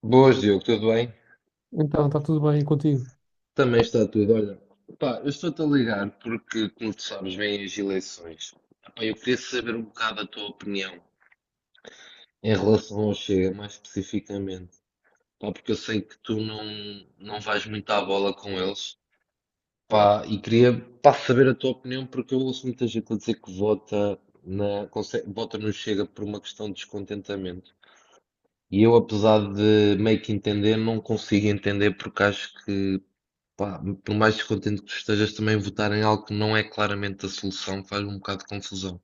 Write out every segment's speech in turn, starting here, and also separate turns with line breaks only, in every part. Boas, Diogo, tudo bem?
Então, está tudo bem contigo?
Também está tudo. Olha, pá, eu estou-te a ligar porque, como tu sabes, vêm as eleições. Pá, eu queria saber um bocado a tua opinião em relação ao Chega, mais especificamente. Pá, porque eu sei que tu não vais muito à bola com eles. Pá, e queria, pá, saber a tua opinião porque eu ouço muita gente a dizer que vota no Chega por uma questão de descontentamento. E eu, apesar de meio que entender, não consigo entender porque acho que, pá, por mais descontente que tu estejas, também votar em algo que não é claramente a solução faz um bocado de confusão.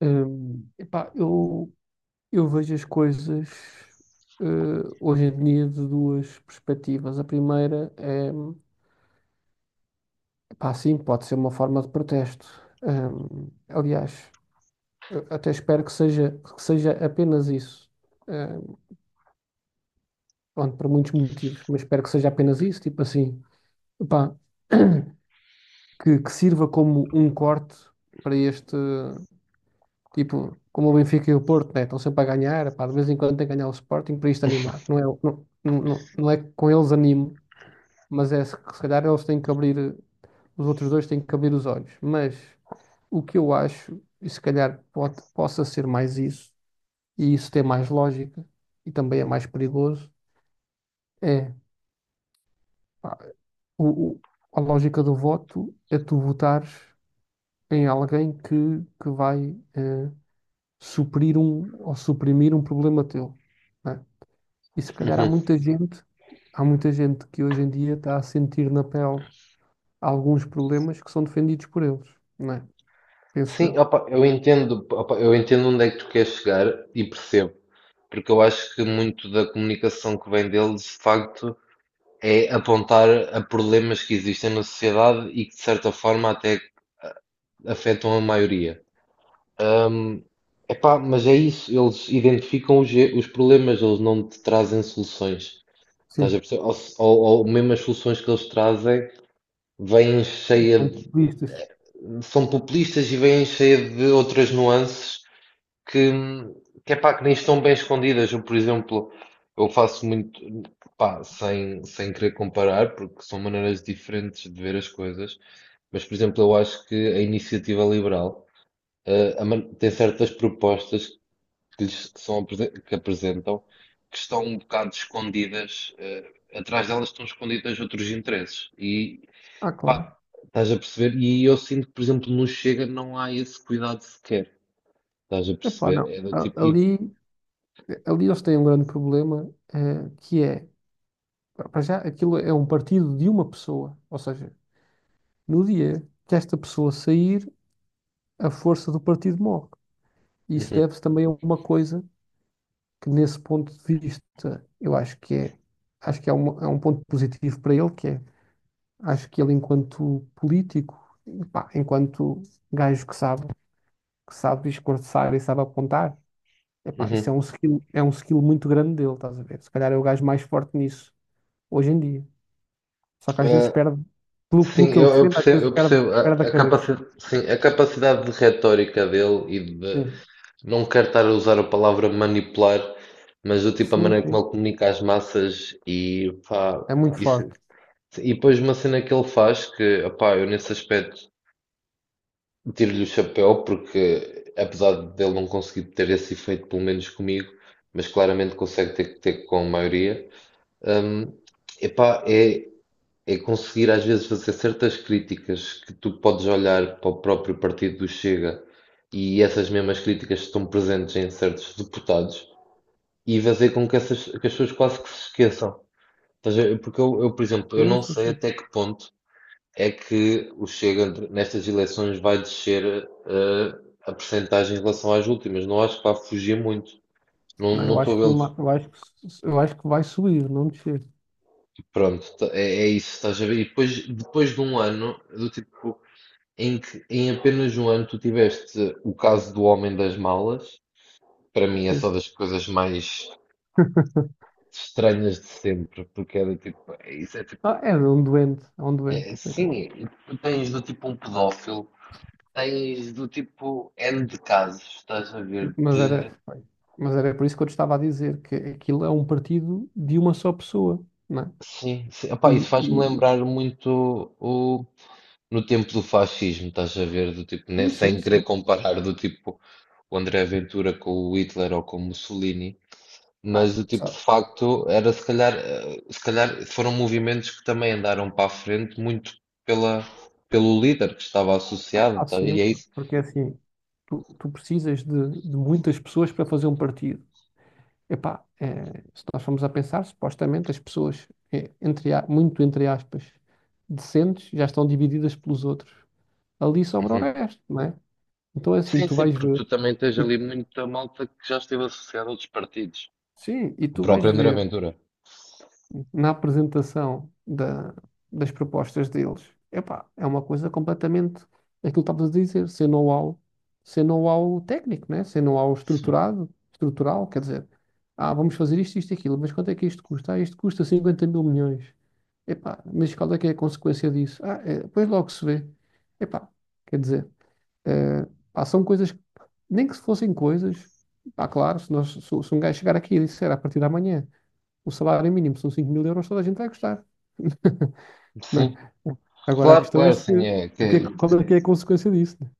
Hum, epá, eu, eu vejo as coisas hoje em dia de duas perspectivas. A primeira é, epá, sim, pode ser uma forma de protesto. Aliás, eu até espero que seja apenas isso. Hum, Pronto, por muitos motivos, mas espero que seja apenas isso, tipo assim, epá, que sirva como um corte para este. Tipo, como o Benfica e o Porto, né? Estão sempre a ganhar, pá, de vez em quando tem que ganhar o Sporting para isto animar. Não é, não, não, não não é que com eles animo, mas é se calhar eles têm que abrir, os outros dois têm que abrir os olhos. Mas o que eu acho, e se calhar pode, possa ser mais isso, e isso tem mais lógica, e também é mais perigoso, é pá, o, o- a lógica do voto é tu votares em alguém que, que vai suprir um ou suprimir um problema teu. Né? E se calhar
Uhum.
há muita gente que hoje em dia está a sentir na pele alguns problemas que são defendidos por eles, não é? Penso
Sim,
eu.
opa, eu entendo onde é que tu queres chegar e percebo, porque eu acho que muito da comunicação que vem deles, de facto, é apontar a problemas que existem na sociedade e que, de certa forma, até afetam a maioria. Epá, mas é isso, eles identificam os problemas, eles não te trazem soluções. Estás a
Sim,
perceber? Ou, se- ou mesmo as soluções que eles trazem vem cheia
são
de,
populistas.
são populistas e vêm cheia de outras nuances que, que é pá, que nem estão bem escondidas. Eu, por exemplo, eu faço muito, pá, sem querer comparar, porque são maneiras diferentes de ver as coisas, mas, por exemplo, eu acho que a iniciativa liberal, tem certas propostas que apresentam que estão um bocado escondidas, eh, atrás delas estão escondidas outros interesses. E,
Ah, claro.
pá, estás a perceber? E aí eu sinto que, por exemplo, no Chega não há esse cuidado sequer. Estás a
Epá,
perceber?
não.
É do
A-
tipo.
Ali, ali eles têm um grande problema, que é, para já, aquilo é um partido de uma pessoa. Ou seja, no dia que esta pessoa sair, a força do partido morre. E isso
Uhum,
deve-se também a uma coisa que, nesse ponto de vista, eu acho que é, é um ponto positivo para ele, que é. Acho que ele, enquanto político, pá, enquanto gajo que sabe, discursar e sabe apontar, epá, isso
uhum.
é um skill muito grande dele, estás a ver? Se calhar é o gajo mais forte nisso, hoje em dia. Só que às vezes
Ah,
perde, pelo
sim,
que ele defende, às vezes
eu
perde,
percebo
perde a
a
cabeça.
capacidade, sim, a capacidade de retórica dele e de
Sim,
não quero estar a usar a palavra manipular, mas do tipo a
sim,
maneira como
sim.
ele comunica às massas e pá,
É muito
isso,
forte.
e depois uma cena que ele faz que, pá, eu nesse aspecto. Tiro-lhe o chapéu porque, apesar dele não conseguir ter esse efeito, pelo menos comigo, mas claramente consegue ter com a maioria, hum, epá, é conseguir às vezes fazer certas críticas que tu podes olhar para o próprio partido do Chega e essas mesmas críticas estão presentes em certos deputados e fazer com que, essas, que as pessoas quase que se esqueçam. Estás a ver? Porque eu, por exemplo, eu
Sim,
não
sim,
sei
sim.
até que ponto é que o Chega nestas eleições vai descer eh, a percentagem em relação às últimas. Não acho que vá fugir muito.
Não,
Não
eu
estou a
acho que
vê-los.
numa, eu acho que, eu acho que vai subir, não descer.
Pronto, é, é isso, estás a ver? E depois, depois de um ano, do tipo, em que em apenas um ano tu tiveste o caso do Homem das Malas, para mim é
Sim.
só das coisas mais estranhas de sempre, porque é do tipo, é isso é tipo,
Ah, é um doente, é um doente,
é,
coitado.
sim, tu tens do tipo um pedófilo. Tens do tipo N de casos, estás a ver,
Mas era,
de
mas era por isso que eu te estava a dizer que aquilo é um partido de uma só pessoa, não é?
sim, sim. Epá, isso
E,
faz-me
e,
lembrar muito o, no tempo do fascismo, estás a ver, do tipo, né,
e sim,
sem querer
sim.
comparar do tipo o André Ventura com o Hitler ou com o Mussolini,
Ah,
mas do tipo, de
sabe,
facto, era se calhar, eh, se calhar foram movimentos que também andaram para a frente muito pela, pelo líder que estava associado,
há
tá, e é
sempre,
isso.
porque é assim, tu precisas de muitas pessoas para fazer um partido. Epá, se nós formos a pensar, supostamente as pessoas, muito entre aspas, decentes, já estão divididas pelos outros. Ali sobra o
Uhum.
resto, não é? Então é assim,
Sim,
tu
sim,
vais
porque
ver,
tu também tens ali
e-
muita malta que já esteve associada a outros partidos.
sim, e
O
tu vais
próprio André
ver.
Ventura.
Na apresentação das propostas deles, epá, é uma coisa completamente aquilo que estavas a dizer, sem know-how, técnico, né? Sem know-how
Sim,
estruturado, estrutural, quer dizer, ah, vamos fazer isto, isto, e aquilo, mas quanto é que isto custa? Ah, isto custa 50 mil milhões. Epá, mas qual é que é a consequência disso? Ah, é, depois logo se vê. Epá, quer dizer, eh, pá, são coisas, nem que se fossem coisas, pá, claro, se, nós, se um gajo chegar aqui e disser: "Ah, a partir de amanhã o salário mínimo são 5000 euros, toda a gente vai gostar, não é?"
sim.
Agora a
Claro,
questão é
claro,
se
sim, é que
o que é, que- qual é que é a consequência disso, né?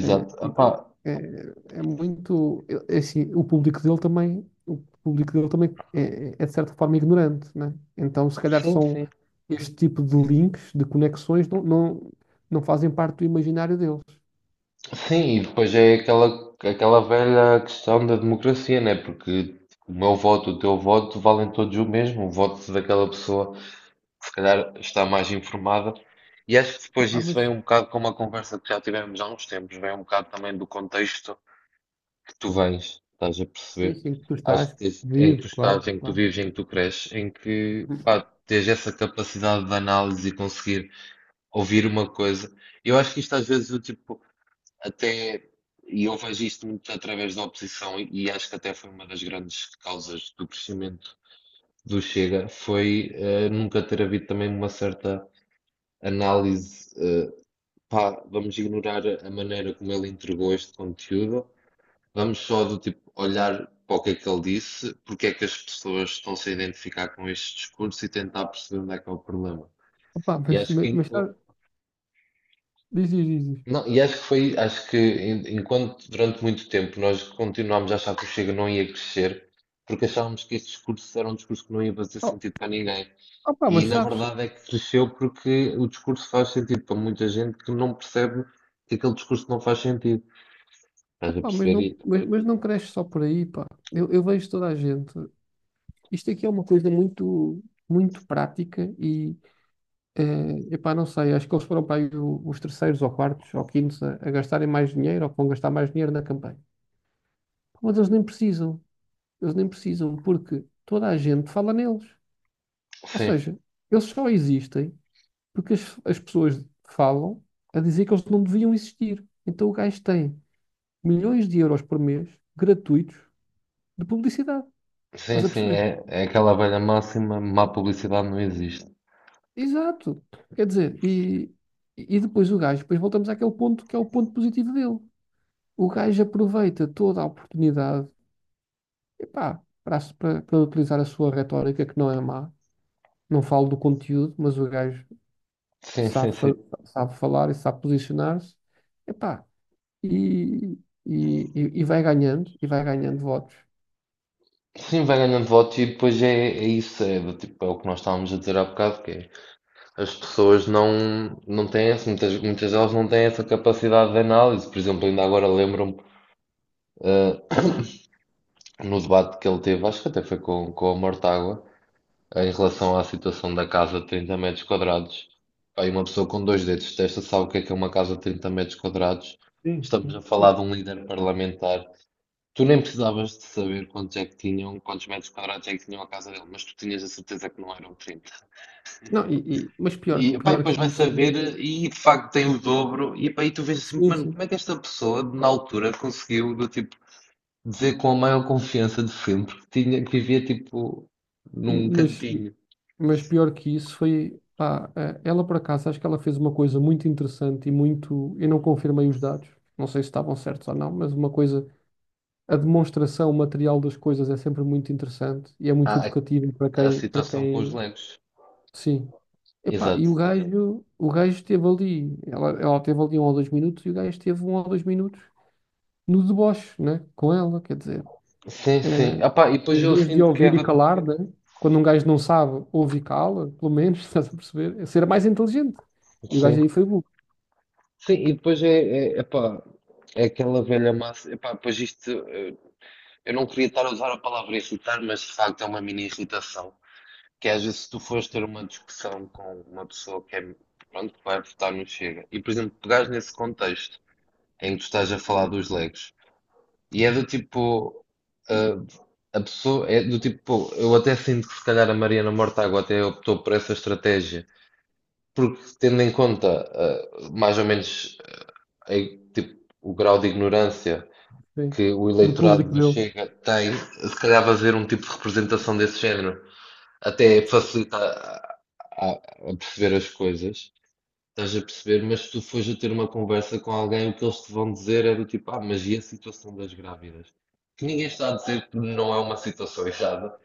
É.
exato. Epá,
Então é, é assim, o público dele também. O público dele também é, de certa forma ignorante, né? Então se calhar
sim,
são
sim.
este tipo de links, de conexões não, não, não fazem parte do imaginário deles.
Sim, e depois é aquela, aquela velha questão da democracia, né? Porque o meu voto, o teu voto, valem todos o mesmo. O voto daquela pessoa, que se calhar, está mais informada. E acho que depois
Epá,
disso vem
mas
um bocado com uma conversa que já tivemos há uns tempos, vem um bocado também do contexto que tu vens, estás a
sim,
perceber?
sim, tu
Acho
estás,
que em que tu
vive,
estás,
claro,
em que tu
claro.
vives, em que tu cresces, em que, pá, tens essa capacidade de análise e conseguir ouvir uma coisa. Eu acho que isto às vezes eu tipo até e eu vejo isto muito através da oposição e acho que até foi uma das grandes causas do crescimento do Chega foi eh, nunca ter havido também uma certa análise eh, pá, vamos ignorar a maneira como ele entregou este conteúdo, vamos só do tipo olhar para o que é que ele disse, porque é que as pessoas estão-se a identificar com este discurso e tentar perceber onde é que é o problema.
Opa,
E
mas,
acho
mas,
que
mas diz, diz, diz. Diz.
não, e acho que foi, enquanto durante muito tempo nós continuámos a achar que o Chega não ia crescer, porque achávamos que esse discurso era um discurso que não ia fazer
Oh,
sentido para ninguém.
opa,
E
mas
na
sabes,
verdade é que cresceu porque o discurso faz sentido para muita gente que não percebe que aquele discurso não faz sentido. Estás a
opa, mas
perceber?
não,
E,
mas, mas não cresce só por aí, pá. Eu vejo toda a gente. Isto aqui é uma coisa muito, muito prática e, epá, não sei, acho que eles foram para aí os terceiros ou quartos ou quintos a gastarem mais dinheiro ou que vão gastar mais dinheiro na campanha. Mas eles nem precisam. Eles nem precisam porque toda a gente fala neles. Ou
sim,
seja, eles só existem porque as pessoas falam a dizer que eles não deviam existir. Então o gajo tem milhões de euros por mês gratuitos de publicidade.
sim,
Estás a
sim,
perceber?
é, é aquela velha máxima, má publicidade não existe.
Exato. Quer dizer, e depois o gajo, depois voltamos àquele ponto que é o ponto positivo dele. O gajo aproveita toda a oportunidade, epá, para utilizar a sua retórica, que não é má. Não falo do conteúdo, mas o gajo
Sim, sim,
sabe, fa-
sim.
sabe falar e sabe posicionar-se. Epá, e, e, e vai ganhando, votos.
Sim, vai ganhando voto e depois é isso, é, do tipo, é o que nós estávamos a dizer há bocado, que é. As pessoas não têm essa, muitas, muitas delas não têm essa capacidade de análise. Por exemplo, ainda agora lembro-me, eh, no debate que ele teve, acho que até foi com a Mortágua, em relação à situação da casa de 30 metros quadrados. Aí uma pessoa com dois dedos de testa sabe o que é uma casa de 30 metros quadrados.
Sim,
Estamos a
sim.
falar de um líder parlamentar. Tu nem precisavas de saber quantos é que tinham, quantos metros quadrados é que tinham a casa dele, mas tu tinhas a certeza que não eram 30.
Não, mas
E, pá, e
pior
depois
que
vai
isso.
saber, e de facto tem o dobro, e, pá, e tu vês assim,
Sim,
mano,
sim.
como é que esta pessoa, na altura, conseguiu, do tipo, dizer com a maior confiança de sempre que tinha, que vivia, tipo, num
Mas,
cantinho,
Mas pior que isso foi, pá, ela por acaso, acho que ela fez uma coisa muito interessante e muito, eu não confirmei os dados, não sei se estavam certos ou não, mas uma coisa, a demonstração o material das coisas é sempre muito interessante e é muito
a, a,
educativo para
a
quem,
situação com os legos.
sim. Epá, e
Exato.
o gajo esteve ali, ela esteve ali 1 ou 2 minutos e o gajo esteve 1 ou 2 minutos no deboche, né, com ela, quer dizer.
Sim, sim.
Eh,
Ah, pá, e depois
Em
eu
vez de
sinto que
ouvir e
era,
calar, né? Quando um gajo não sabe, ouve e cala, pelo menos, estás a perceber? É. Ser mais inteligente. E o
sim,
gajo aí foi burro,
sim, e depois epá, é aquela velha massa, epá, depois isto, eh, eu não queria estar a usar a palavra insultar, mas de facto é uma mini irritação. Que às vezes se tu fores ter uma discussão com uma pessoa que é, pronto, que vai votar no Chega, e por exemplo, pegares nesse contexto em que tu estás a falar dos legos, e é do tipo, ah, a pessoa, é do tipo, pô, eu até sinto que se calhar a Mariana Mortágua até optou por essa estratégia, porque tendo em conta, ah, mais ou menos, eh, tipo, o grau de ignorância
sim.
que o
Do
eleitorado
público
do
dele.
Chega tem, se calhar fazer um tipo de representação desse género. Até facilita a perceber as coisas. Estás a perceber, mas se tu fores a ter uma conversa com alguém, o que eles te vão dizer é do tipo, ah, mas e a situação das grávidas? Que ninguém está a dizer que não é uma situação errada,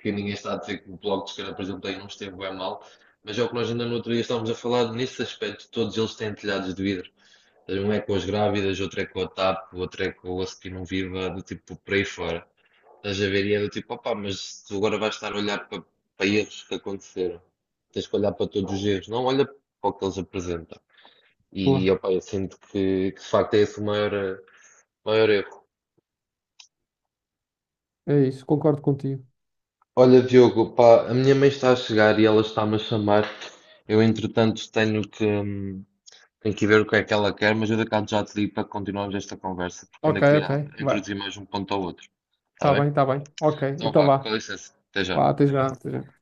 que ninguém está a dizer que o Bloco de Esquerda, por exemplo, tem uns esteve bem mal, mas é o que nós ainda no outro dia estávamos a falar, nesse aspecto, todos eles têm telhados de vidro. Um é com as grávidas, outro é com a TAP, outro é com o Osso que não Viva, do tipo, por aí fora. Estás a ver e é do tipo, opá, mas tu agora vais estar a olhar para erros que aconteceram. Tens que olhar para todos os erros, não olha para o que eles apresentam.
Boa.
E opá, eu sinto que de facto é esse o maior, eh, maior erro.
É isso, concordo contigo.
Olha, Diogo, pá, a minha mãe está a chegar e ela está-me a chamar. Eu, entretanto, tenho que ver o que é que ela quer, mas eu daqui a bocado já te digo para continuarmos esta conversa, porque ainda
Ok, ok,
queria
vai.
introduzir mais um ponto ao outro. Está
Tá
bem?
bem, tá bem. Ok,
Então
então
vá, com
vá.
licença, até já.
Vá, até já, até já.